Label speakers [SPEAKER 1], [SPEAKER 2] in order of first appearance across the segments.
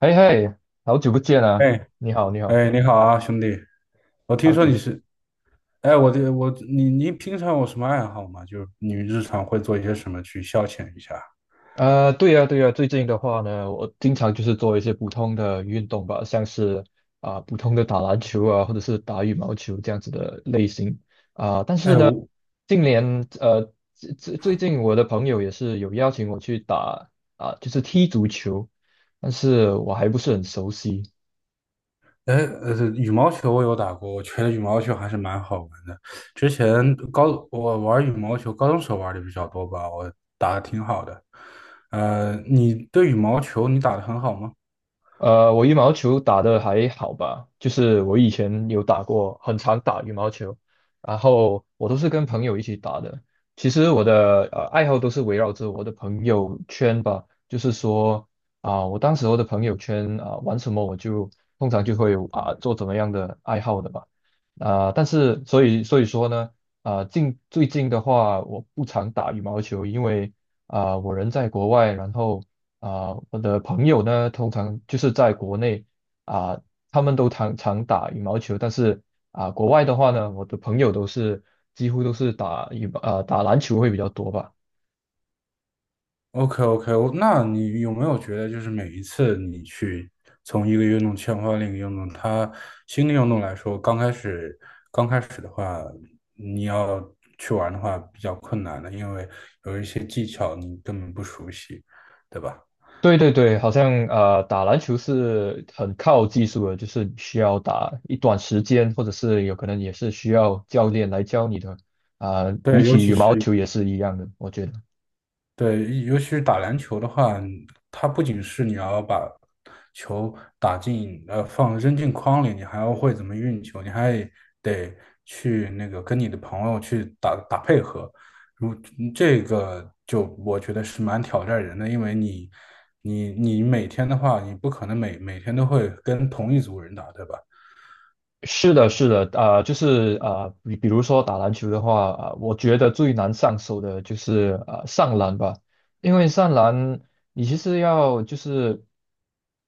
[SPEAKER 1] 嘿嘿，好久不见啊！
[SPEAKER 2] 哎
[SPEAKER 1] 你好，你好，
[SPEAKER 2] 哎，你好啊，兄弟！我听
[SPEAKER 1] 好
[SPEAKER 2] 说
[SPEAKER 1] 久
[SPEAKER 2] 你
[SPEAKER 1] 不见。
[SPEAKER 2] 是，哎，我这我你你平常有什么爱好吗？就是你日常会做一些什么去消遣一下？
[SPEAKER 1] 对呀，对呀，最近的话呢，我经常就是做一些普通的运动吧，像是普通的打篮球啊，或者是打羽毛球这样子的类型。但是
[SPEAKER 2] 哎，
[SPEAKER 1] 呢，
[SPEAKER 2] 我
[SPEAKER 1] 近年呃，最近我的朋友也是有邀请我去打，就是踢足球，但是我还不是很熟悉。
[SPEAKER 2] 哎羽毛球我有打过，我觉得羽毛球还是蛮好玩的。之前玩羽毛球，高中时候玩的比较多吧，我打的挺好的。你对羽毛球你打的很好吗？
[SPEAKER 1] 我羽毛球打得还好吧，就是我以前有打过，很常打羽毛球，然后我都是跟朋友一起打的。其实我的爱好都是围绕着我的朋友圈吧，就是说我当时候的朋友圈玩什么我就通常就会做怎么样的爱好的吧。但是所以说呢，最近的话我不常打羽毛球，因为我人在国外，然后我的朋友呢，通常就是在国内，啊、他们都常常打羽毛球，但是国外的话呢，我的朋友几乎都是打羽毛啊、打篮球会比较多吧。
[SPEAKER 2] OK OK,那你有没有觉得，就是每一次你去从一个运动切换另一个运动，它新的运动来说，刚开始的话，你要去玩的话比较困难的，因为有一些技巧你根本不熟悉，对吧？
[SPEAKER 1] 对对对，好像打篮球是很靠技术的，就是你需要打一段时间，或者是有可能也是需要教练来教你的。比
[SPEAKER 2] 对，尤
[SPEAKER 1] 起
[SPEAKER 2] 其
[SPEAKER 1] 羽毛
[SPEAKER 2] 是。
[SPEAKER 1] 球也是一样的，我觉得。
[SPEAKER 2] 对，尤其是打篮球的话，它不仅是你要把球打进，放扔进筐里，你还要会怎么运球，你还得去那个跟你的朋友去打打配合。这个就我觉得是蛮挑战人的，因为你每天的话，你不可能每天都会跟同一组人打，对吧？
[SPEAKER 1] 是的，是的，就是，比如说打篮球的话，我觉得最难上手的就是上篮吧，因为上篮你其实要就是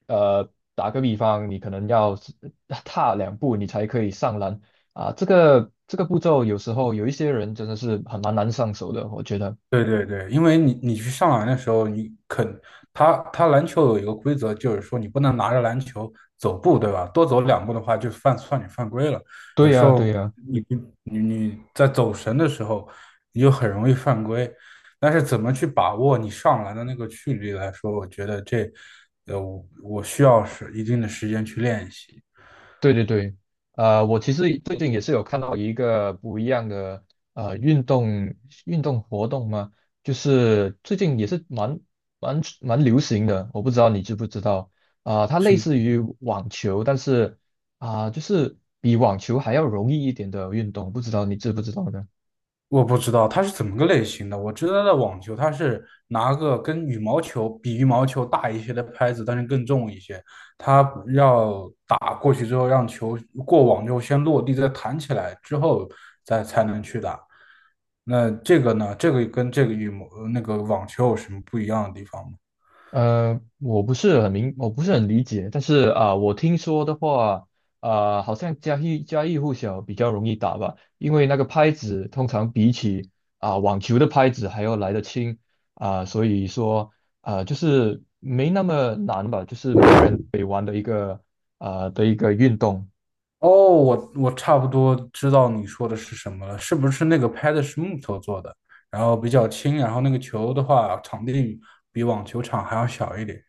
[SPEAKER 1] 打个比方，你可能要是踏2步你才可以上篮。这个步骤有时候有一些人真的是很蛮难上手的，我觉得。
[SPEAKER 2] 对，因为你去上篮的时候，你肯他他篮球有一个规则，就是说你不能拿着篮球走步，对吧？多走两步的话，就算你犯规了。有
[SPEAKER 1] 对
[SPEAKER 2] 时
[SPEAKER 1] 呀，对
[SPEAKER 2] 候
[SPEAKER 1] 呀。
[SPEAKER 2] 你你在走神的时候，你就很容易犯规。但是怎么去把握你上篮的那个距离来说，我觉得我需要是一定的时间去练习。
[SPEAKER 1] 对对对，我其实最近也是有看到一个不一样的运动活动嘛，就是最近也是蛮流行的，我不知道你知不知道，它类似
[SPEAKER 2] 是，
[SPEAKER 1] 于网球，但是就是比网球还要容易一点的运动，不知道你知不知道呢？
[SPEAKER 2] 我不知道它是怎么个类型的，我知道的网球它是拿个跟羽毛球大一些的拍子，但是更重一些，它要打过去之后让球过网之后先落地，再弹起来之后再才能去打。那这个呢？这个跟这个那个网球有什么不一样的地方吗？
[SPEAKER 1] 我不是很理解，但是我听说的话，好像家喻户晓，比较容易打吧，因为那个拍子通常比起网球的拍子还要来得轻。所以说就是没那么难吧，就是每个人可以玩的一个的一个运动。
[SPEAKER 2] 哦，我差不多知道你说的是什么了，是不是那个拍子是木头做的，然后比较轻，然后那个球的话，场地比网球场还要小一点。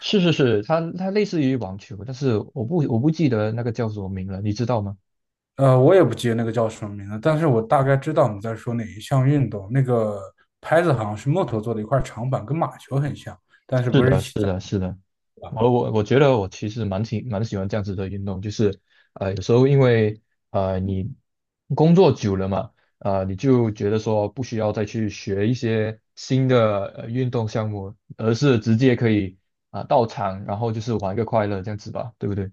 [SPEAKER 1] 是是是，它类似于网球，但是我不记得那个叫什么名了，你知道吗？
[SPEAKER 2] 我也不记得那个叫什么名字，但是我大概知道你在说哪一项运动。那个拍子好像是木头做的一块长板，跟马球很像，但是
[SPEAKER 1] 是
[SPEAKER 2] 不是。
[SPEAKER 1] 的，是的，是的。我觉得我其实蛮喜欢这样子的运动，就是有时候因为你工作久了嘛，你就觉得说不需要再去学一些新的运动项目，而是直接可以到场，然后就是玩个快乐这样子吧，对不对？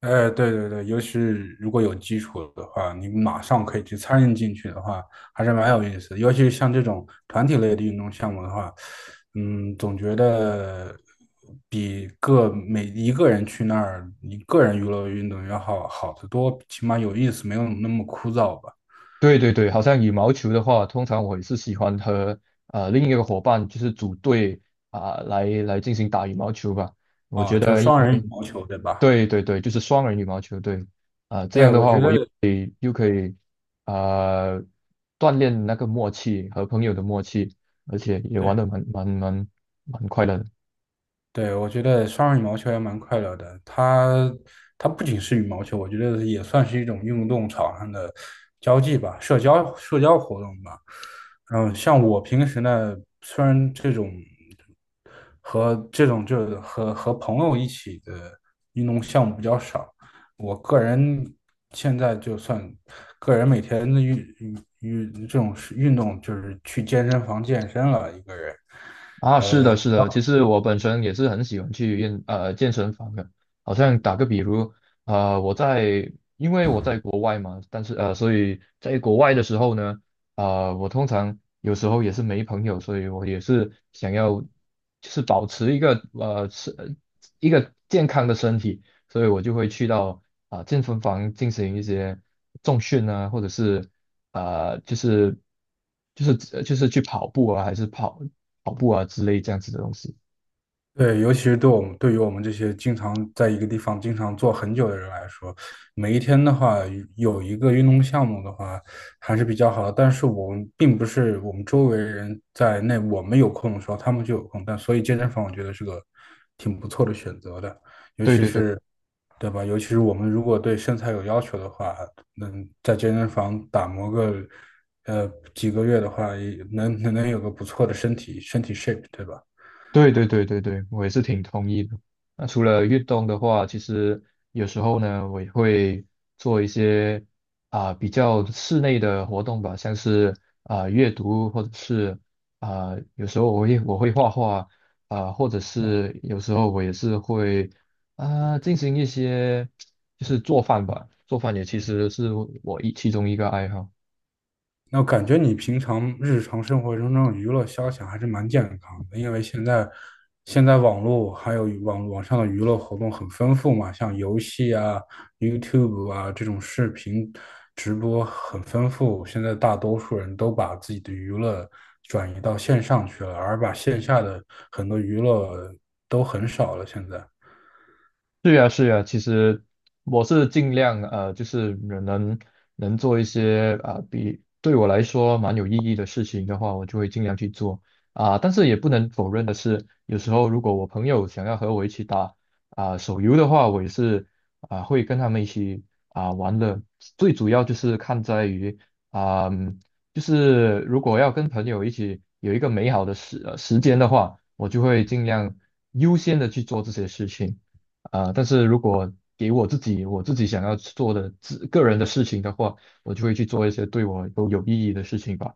[SPEAKER 2] 哎，对，尤其是如果有基础的话，你马上可以去参与进去的话，还是蛮有意思的。尤其是像这种团体类的运动项目的话，嗯，总觉得比个每一个人去那儿，一个人娱乐运动要好得多，起码有意思，没有那么枯燥吧。
[SPEAKER 1] 对对对，好像羽毛球的话，通常我也是喜欢和另一个伙伴就是组队，来进行打羽毛球吧。我
[SPEAKER 2] 啊，
[SPEAKER 1] 觉
[SPEAKER 2] 就
[SPEAKER 1] 得
[SPEAKER 2] 双人羽毛球，对吧？
[SPEAKER 1] 对对对，就是双人羽毛球，对。这
[SPEAKER 2] 对，
[SPEAKER 1] 样的
[SPEAKER 2] 我
[SPEAKER 1] 话
[SPEAKER 2] 觉
[SPEAKER 1] 我又。
[SPEAKER 2] 得
[SPEAKER 1] 又可以。呃，锻炼那个默契和朋友的默契，而且也玩
[SPEAKER 2] 对。
[SPEAKER 1] 得蛮快乐的。
[SPEAKER 2] 对，我觉得双人羽毛球也蛮快乐的。它不仅是羽毛球，我觉得也算是一种运动场上的交际吧，社交活动吧。嗯，像我平时呢，虽然这种和这种就和和朋友一起的运动项目比较少，我个人现在就算个人每天的运运运这种是运动就是去健身房健身了，一个人。
[SPEAKER 1] 啊，是的，是的，其实我本身也是很喜欢去健身房的。好像打个比如，呃，我在因为我在国外嘛，但是所以在国外的时候呢，我通常有时候也是没朋友，所以我也是想要就是保持一个健康的身体，所以我就会去到健身房进行一些重训啊，或者是呃，就是就是去跑步啊，还是跑步啊之类这样子的东西。
[SPEAKER 2] 对，尤其是对我们，对于我们这些经常在一个地方经常坐很久的人来说，每一天的话，有一个运动项目的话，还是比较好的。但是我们并不是我们周围人在那我们有空的时候，他们就有空。但所以健身房我觉得是个挺不错的选择的，尤
[SPEAKER 1] 对
[SPEAKER 2] 其
[SPEAKER 1] 对对。
[SPEAKER 2] 是，对吧？尤其是我们如果对身材有要求的话，能在健身房打磨个几个月的话，也能有个不错的身体 shape,对吧？
[SPEAKER 1] 对对对对对，我也是挺同意的。那除了运动的话，其实有时候呢，我也会做一些比较室内的活动吧，像是阅读，或者是有时候我会画画或者是有时候我也是会进行一些就是做饭吧，做饭也其实是我其中一个爱好。
[SPEAKER 2] 那我感觉你平常日常生活中这种娱乐消遣还是蛮健康的，因为现在网络还有网上的娱乐活动很丰富嘛，像游戏啊、YouTube 啊这种视频直播很丰富。现在大多数人都把自己的娱乐转移到线上去了，而把线下的很多娱乐都很少了。现在。
[SPEAKER 1] 是呀，是呀，其实我是尽量就是能做一些比对我来说蛮有意义的事情的话，我就会尽量去做。但是也不能否认的是，有时候如果我朋友想要和我一起打手游的话，我也是会跟他们一起玩的。最主要就是看在于啊、嗯就是如果要跟朋友一起有一个美好的时间的话，我就会尽量优先的去做这些事情。但是如果给我自己想要做的自个人的事情的话，我就会去做一些对我都有意义的事情吧。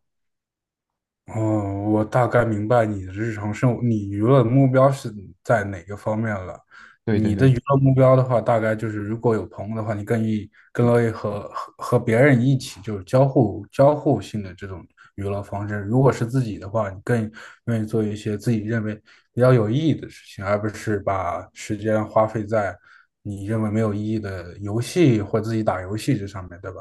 [SPEAKER 2] 哦，我大概明白你的日常生活，你娱乐的目标是在哪个方面了？
[SPEAKER 1] 对对
[SPEAKER 2] 你的
[SPEAKER 1] 对
[SPEAKER 2] 娱乐目标的话，大概就是如果有朋友的话，你更乐意和别人一起，就是交互性的这种娱乐方式。如果是自己的话，你更愿意做一些自己认为比较有意义的事情，而不是把时间花费在你认为没有意义的游戏或自己打游戏这上面，对吧？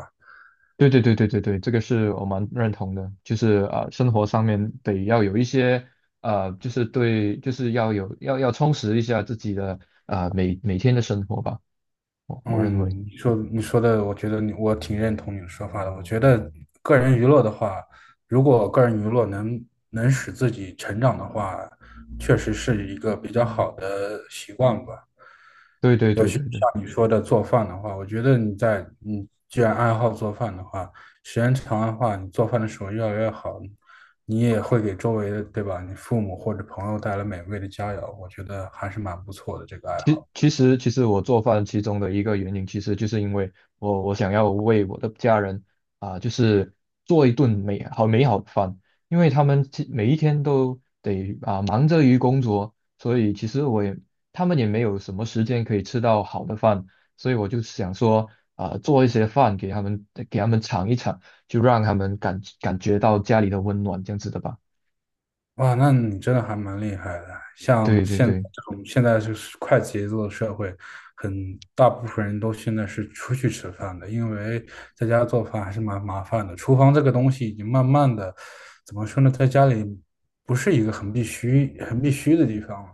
[SPEAKER 1] 对对对对对对，这个是我蛮认同的，就是生活上面得要有一些就是对，就是要有要要充实一下自己的每天的生活吧，我认为。
[SPEAKER 2] 嗯，你说的，我觉得你我挺认同你的说法的。我觉得个人娱乐的话，如果个人娱乐能使自己成长的话，确实是一个比较好的习惯吧。
[SPEAKER 1] 对对对对对。
[SPEAKER 2] 像你说的做饭的话，我觉得你在你既然爱好做饭的话，时间长的话，你做饭的时候越来越好，你也会给周围的，对吧？你父母或者朋友带来美味的佳肴，我觉得还是蛮不错的这个爱
[SPEAKER 1] 其
[SPEAKER 2] 好。
[SPEAKER 1] 其实其实我做饭其中的一个原因，其实就是因为我想要为我的家人就是做一顿美好的饭，因为他们每一天都得忙着于工作，所以其实他们也没有什么时间可以吃到好的饭，所以我就想说做一些饭给他们尝一尝，就让他们感觉到家里的温暖这样子的吧。
[SPEAKER 2] 哇，那你真的还蛮厉害的。像
[SPEAKER 1] 对对
[SPEAKER 2] 现在
[SPEAKER 1] 对。
[SPEAKER 2] 这种现在就是快节奏的社会，很大部分人都现在是出去吃饭的，因为在家做饭还是蛮麻烦的。厨房这个东西已经慢慢的，怎么说呢，在家里不是一个很必须的地方了。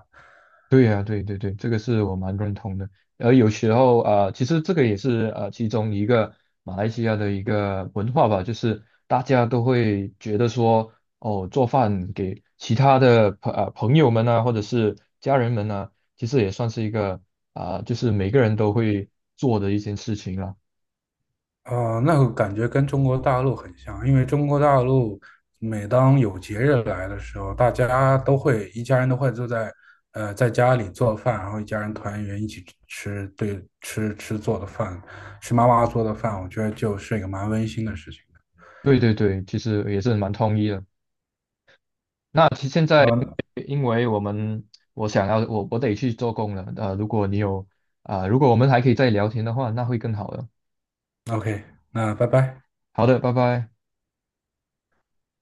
[SPEAKER 1] 对呀、对对对，这个是我蛮认同的。而有时候其实这个也是其中一个马来西亚的一个文化吧，就是大家都会觉得说，哦，做饭给其他的朋友们啊，或者是家人们啊，其实也算是一个就是每个人都会做的一件事情了。
[SPEAKER 2] 啊、那个感觉跟中国大陆很像，因为中国大陆每当有节日来的时候，大家都会一家人都会坐在在家里做饭，然后一家人团圆一起吃吃做的饭，吃妈妈做的饭，我觉得就是一个蛮温馨的事情的。
[SPEAKER 1] 对对对，其实也是蛮同意的。那其实现在
[SPEAKER 2] 嗯
[SPEAKER 1] 因为我们我想要我我得去做工了，如果你有啊、呃如果我们还可以再聊天的话，那会更好的。
[SPEAKER 2] ，OK,那拜拜。
[SPEAKER 1] 好的，拜拜。